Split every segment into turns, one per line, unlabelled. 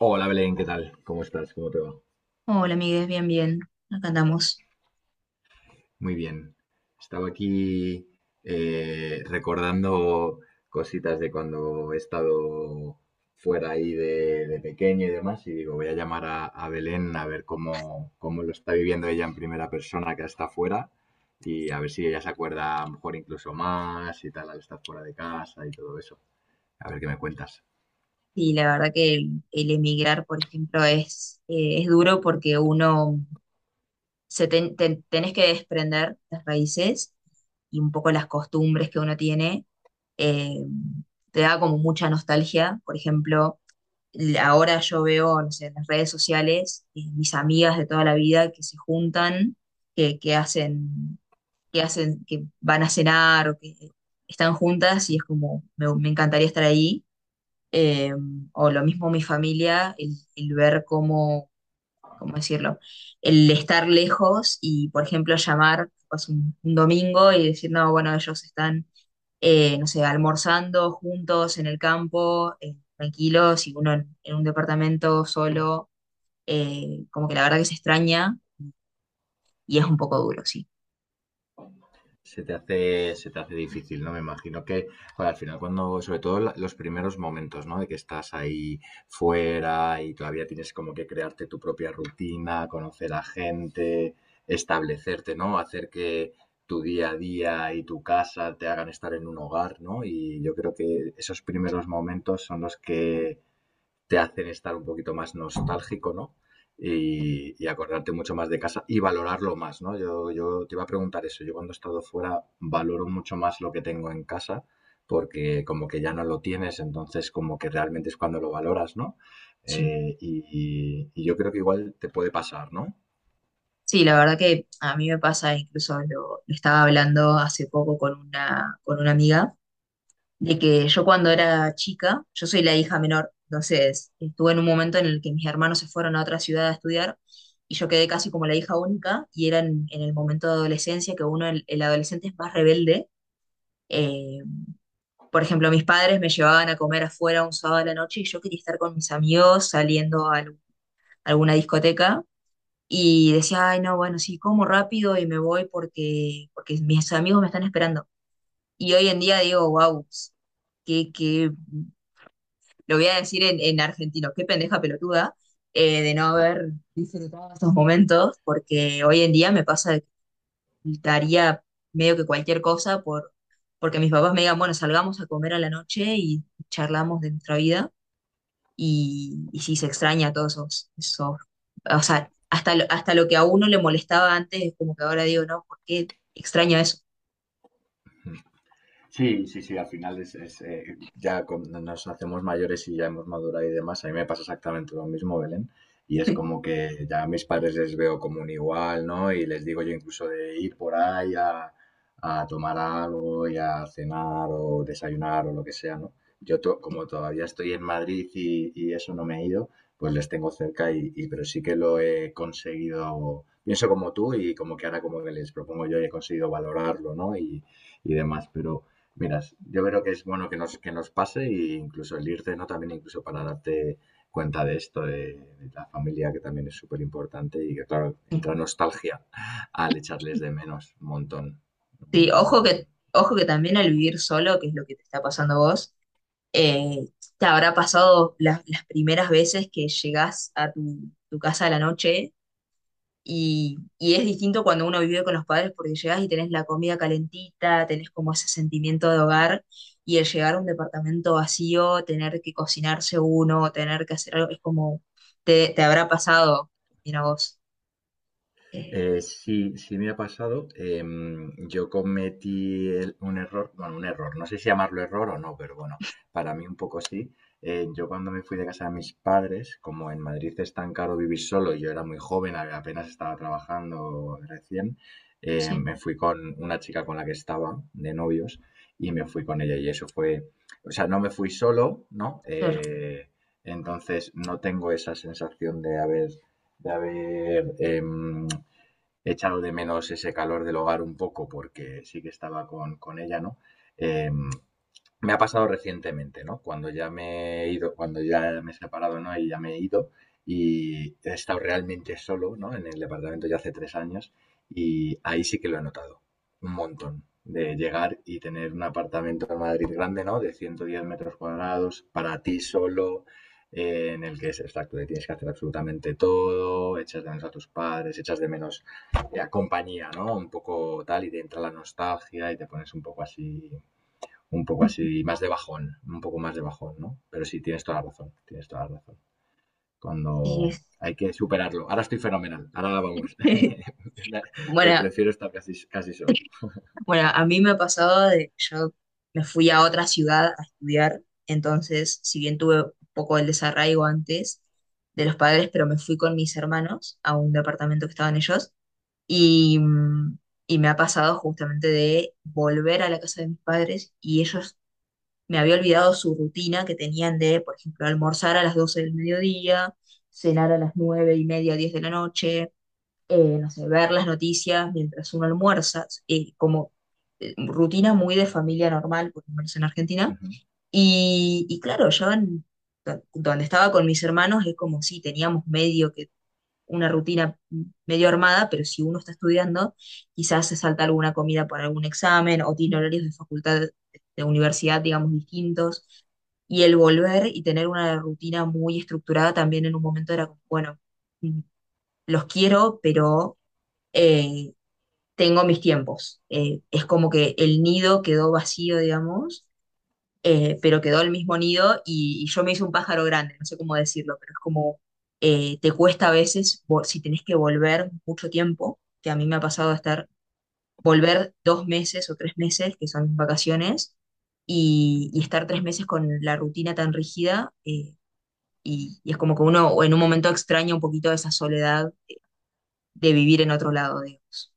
Hola Belén, ¿qué tal? ¿Cómo estás? ¿Cómo te va?
Hola, amigues, bien, bien. Acá andamos.
Muy bien. Estaba aquí, recordando cositas de cuando he estado fuera ahí de pequeño y demás, y digo, voy a llamar a Belén a ver cómo lo está viviendo ella en primera persona, que está fuera, y a ver si ella se acuerda a lo mejor incluso más y tal al estar fuera de casa y todo eso. A ver qué me cuentas.
Y la verdad que el emigrar, por ejemplo, es duro porque uno se tenés que desprender las raíces y un poco las costumbres que uno tiene. eh, Te da como mucha nostalgia. Por ejemplo, ahora yo veo, no sé, en las redes sociales, mis amigas de toda la vida que se juntan, que hacen, que hacen, que van a cenar o que están juntas y es como, me encantaría estar ahí eh, o lo mismo mi familia, el ver cómo, cómo decirlo, el estar lejos y, por ejemplo, llamar pues, un domingo y decir, no, bueno, ellos están, no sé, almorzando juntos en el campo, tranquilos, y uno en un departamento solo, como que la verdad que se extraña y es un poco duro, sí.
Se te hace difícil, ¿no? Me imagino que, joder, al final cuando, sobre todo los primeros momentos, ¿no? De que estás ahí fuera y todavía tienes como que crearte tu propia rutina, conocer a gente, establecerte, ¿no? Hacer que tu día a día y tu casa te hagan estar en un hogar, ¿no? Y yo creo que esos primeros momentos son los que te hacen estar un poquito más nostálgico, ¿no?
Sí.
Y acordarte mucho más de casa y valorarlo más, ¿no? Yo te iba a preguntar eso. Yo cuando he estado fuera valoro mucho más lo que tengo en casa, porque como que ya no lo tienes, entonces como que realmente es cuando lo valoras, ¿no?
Sí.
Y yo creo que igual te puede pasar, ¿no?
Sí, la verdad que a mí me pasa, incluso lo estaba hablando hace poco con con una amiga de que yo cuando era chica, yo soy la hija menor, entonces estuve en un momento en el que mis hermanos se fueron a otra ciudad a estudiar y yo quedé casi como la hija única y era en el momento de adolescencia que uno, el adolescente es más rebelde. eh, por ejemplo, mis padres me llevaban a comer afuera un sábado a la noche y yo quería estar con mis amigos saliendo a alguna discoteca. Y decía, ay, no, bueno, sí, como rápido y me voy porque, porque mis amigos me están esperando. Y hoy en día digo, wow, que lo voy a decir en argentino, qué pendeja pelotuda de no haber disfrutado estos momentos, porque hoy en día me pasa de que daría medio que cualquier cosa por, porque mis papás me digan, bueno, salgamos a comer a la noche y charlamos de nuestra vida, y sí se extraña todos esos, esos o sea, hasta lo que a uno le molestaba antes, es como que ahora digo, no, ¿por qué extraño eso?
Sí, sí, sí, al final es, ya cuando nos hacemos mayores y ya hemos madurado y demás, a mí me pasa exactamente lo mismo, Belén, y es como que ya a mis padres les veo como un igual, ¿no? Y les digo yo incluso de ir por ahí a tomar algo y a cenar o desayunar o lo que sea, ¿no? Como todavía estoy en Madrid y eso, no me he ido, pues les tengo cerca y pero sí que lo he conseguido, pienso como tú, y como que ahora como que les propongo yo y he conseguido valorarlo, ¿no? Y demás, pero... Miras, yo creo que es bueno que nos pase, e incluso el irte, ¿no? También incluso para darte cuenta de esto, de la familia, que también es súper importante y que, claro, entra nostalgia al echarles de menos un montón, un
Sí,
montón, un montón.
ojo que también al vivir solo, que es lo que te está pasando a vos. Eh, ¿Te habrá pasado las primeras veces que llegás a tu, tu casa a la noche? Y es distinto cuando uno vive con los padres porque llegás y tenés la comida calentita, tenés como ese sentimiento de hogar y el llegar a un departamento vacío, tener que cocinarse uno, tener que hacer algo, es como, te habrá pasado, mira vos. Eh,
Sí, sí, me ha pasado. Yo cometí un error, bueno, un error, no sé si llamarlo error o no, pero bueno, para mí un poco sí. Yo cuando me fui de casa de mis padres, como en Madrid es tan caro vivir solo y yo era muy joven, apenas estaba trabajando recién,
sí,
me fui con una chica con la que estaba de novios y me fui con ella y eso fue, o sea, no me fui solo, ¿no?
claro.
Entonces no tengo esa sensación de haber, de haber em, he echado de menos ese calor del hogar un poco, porque sí que estaba con ella, ¿no? Eh, Me ha pasado recientemente, ¿no? Cuando ya me he ido, cuando ya me he separado, ¿no? Y ya me he ido y he estado realmente solo, ¿no? En el departamento ya hace tres años, y ahí sí que lo he notado un montón. De llegar y tener un apartamento en Madrid grande, ¿no? De 110 metros cuadrados para ti solo, en el que es exacto, que tienes que hacer absolutamente todo, echas de menos a tus padres, echas de menos la compañía, ¿no? Un poco tal, y te entra la nostalgia y te pones un poco así, más de bajón, un poco más de bajón, ¿no? Pero sí, tienes toda la razón, tienes toda la razón.
Y
Cuando
es-
hay que superarlo. Ahora estoy fenomenal, ahora vamos.
bueno,
Prefiero estar casi, casi solo.
Bueno, a mí me ha pasado de yo me fui a otra ciudad a estudiar, entonces, si bien tuve un poco el desarraigo antes de los padres, pero me fui con mis hermanos a un departamento que estaban ellos y, mm, y me ha pasado justamente de volver a la casa de mis padres y ellos me había olvidado su rutina que tenían de, por ejemplo, almorzar a las 12 del mediodía, cenar a las 9 y media, 10 de la noche no sé, ver las noticias mientras uno almuerza, como rutina muy de familia normal, por lo menos en Argentina.
Ujú.
Y claro, donde estaba con mis hermanos es como si teníamos medio que una rutina medio armada, pero si uno está estudiando, quizás se salta alguna comida por algún examen o tiene horarios de facultad, de universidad, digamos, distintos. Y el volver y tener una rutina muy estructurada también en un momento era como, bueno, mm, los quiero, pero eh, tengo mis tiempos. Es como que el nido quedó vacío, digamos, pero quedó el mismo nido y yo me hice un pájaro grande, no sé cómo decirlo, pero es como te cuesta a veces, si tenés que volver mucho tiempo, que a mí me ha pasado de estar, volver dos meses o tres meses, que son mis vacaciones, y estar tres meses con la rutina tan rígida, y es como que uno en un momento extraña un poquito esa soledad de vivir en otro lado, digamos.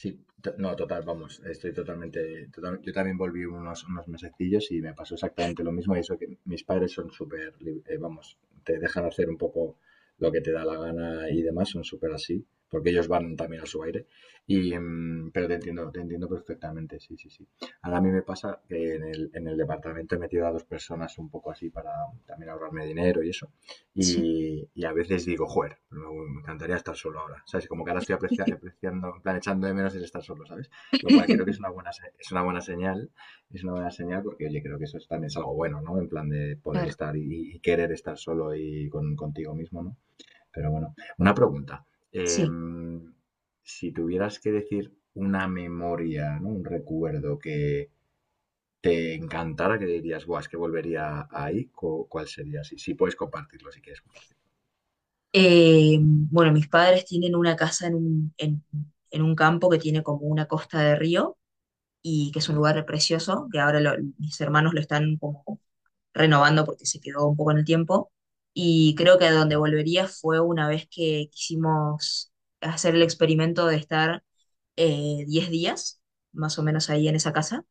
Sí, no, total, vamos, estoy totalmente, yo también volví unos mesecillos y me pasó exactamente lo mismo, y eso que mis padres son súper, vamos, te dejan hacer un poco lo que te da la gana y demás, son súper así, porque ellos van también a su aire, y pero te entiendo perfectamente, sí, sí, sí. Ahora a mí me pasa que en en el departamento he metido a dos personas un poco así, para también ahorrarme dinero y eso,
Sí.
y a veces digo, joder, me encantaría estar solo ahora, ¿sabes? Como que ahora estoy apreciando, en plan, echando de menos el estar solo, ¿sabes? Lo cual creo que es una es una buena señal, es una buena señal, porque, oye, creo que también es algo bueno, ¿no? En plan de poder
Claro,
estar y querer estar solo y contigo mismo, ¿no? Pero bueno, una pregunta.
sí.
em, si tuvieras que decir una memoria, ¿no? Un recuerdo que te encantara, que dirías, guau, es que volvería ahí, ¿cuál sería? Si, si puedes compartirlo, si quieres compartirlo.
Bueno, mis padres tienen una casa en un campo que tiene como una costa de río y que es un lugar precioso, que ahora mis hermanos lo están como renovando porque se quedó un poco en el tiempo. Y creo que a donde volvería fue una vez que quisimos hacer el experimento de estar 10 días, más o menos ahí en esa casa.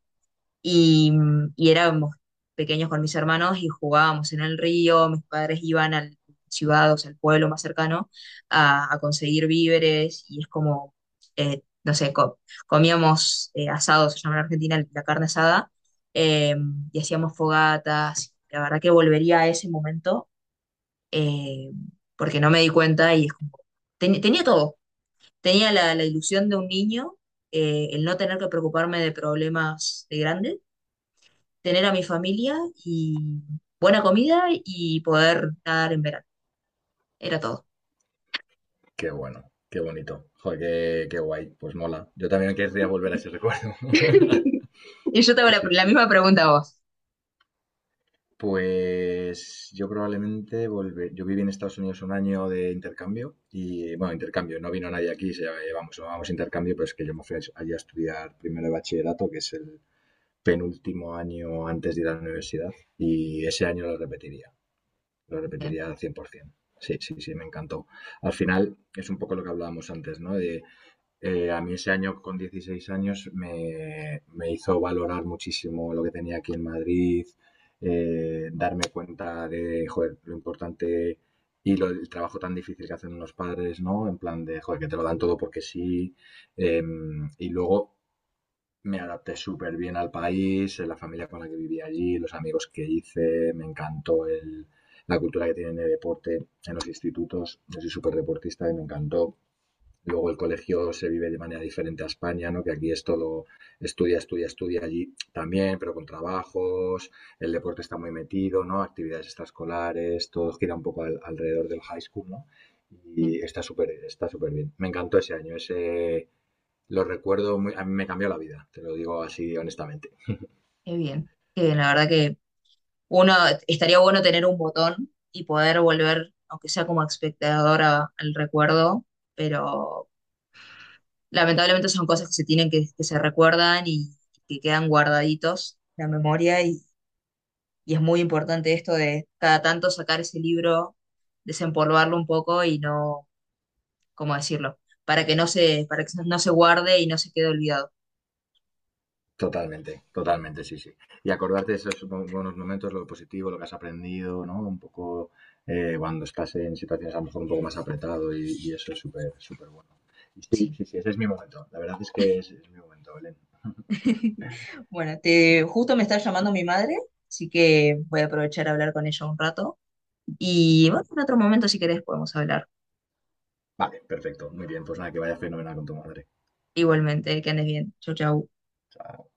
Y, y éramos pequeños con mis hermanos y jugábamos en el río, mis padres iban al ciudad, o sea, al pueblo más cercano, a conseguir víveres y es como, no sé, comíamos asados, se llama en Argentina la carne asada, eh, y hacíamos fogatas, la verdad que volvería a ese momento eh, porque no me di cuenta y es como, tenía todo, tenía la ilusión de un niño, el no tener que preocuparme de problemas de grandes, tener a mi familia y buena comida y poder nadar en verano. Era todo.
Qué bueno, qué bonito. Joder, qué guay, pues mola. Yo también querría volver a ese recuerdo.
Y yo te hago
Sí,
la
sí,
misma
súper.
pregunta a vos.
Pues yo probablemente volver. Yo viví en Estados Unidos un año de intercambio y, bueno, intercambio, no vino nadie aquí, vamos, llamamos intercambio, pero es que yo me fui allí a estudiar primero de bachillerato, que es el penúltimo año antes de ir a la universidad, y ese año lo
Bien,
repetiría al 100%. Sí, sí, sí, me encantó. Al final es un poco lo que hablábamos antes, ¿no? A mí ese año con 16 años me hizo valorar muchísimo lo que tenía aquí en Madrid, darme cuenta de, joder, lo importante y lo, el trabajo tan difícil que hacen los padres, ¿no? En plan de, joder, que te lo dan todo porque sí. Y luego me adapté súper bien al país, la familia con la que viví allí, los amigos que hice, me encantó la cultura que tienen de deporte en los institutos. Yo soy súper deportista y me encantó. Luego el colegio se vive de manera diferente a España, ¿no? Que aquí es todo estudia, estudia, estudia, allí también, pero con trabajos, el deporte está muy metido, ¿no? Actividades extraescolares, todo gira un poco alrededor del high school, ¿no?
bien,
Y está súper bien. Me encantó ese año, ese lo recuerdo, muy- a mí me cambió la vida, te lo digo así honestamente.
qué bien. Qué bien, la verdad que uno estaría bueno tener un botón y poder volver, aunque sea como espectador al recuerdo, pero lamentablemente son cosas que se tienen que se recuerdan y que quedan guardaditos en la memoria y es muy importante esto de cada tanto sacar ese libro, desempolvarlo un poco y no ¿cómo decirlo? Para que no se, para que no se guarde y no se quede olvidado.
Totalmente, totalmente, sí, sí. Y acordarte de esos buenos momentos, lo positivo, lo que has aprendido, ¿no? Un poco, cuando estás en situaciones a lo mejor un poco más apretado, y eso es súper, súper bueno. Y sí,
Sí.
sí, sí, ese es mi momento. La verdad es que es mi momento, Belén.
Bueno, te, justo me está llamando mi madre, así que voy a aprovechar a hablar con ella un rato. Y bueno, en otro momento, si querés, podemos hablar.
Vale, perfecto, muy bien. Pues nada, que vaya fenomenal con tu madre.
Igualmente, que andes bien. Chau, chau.
O sea,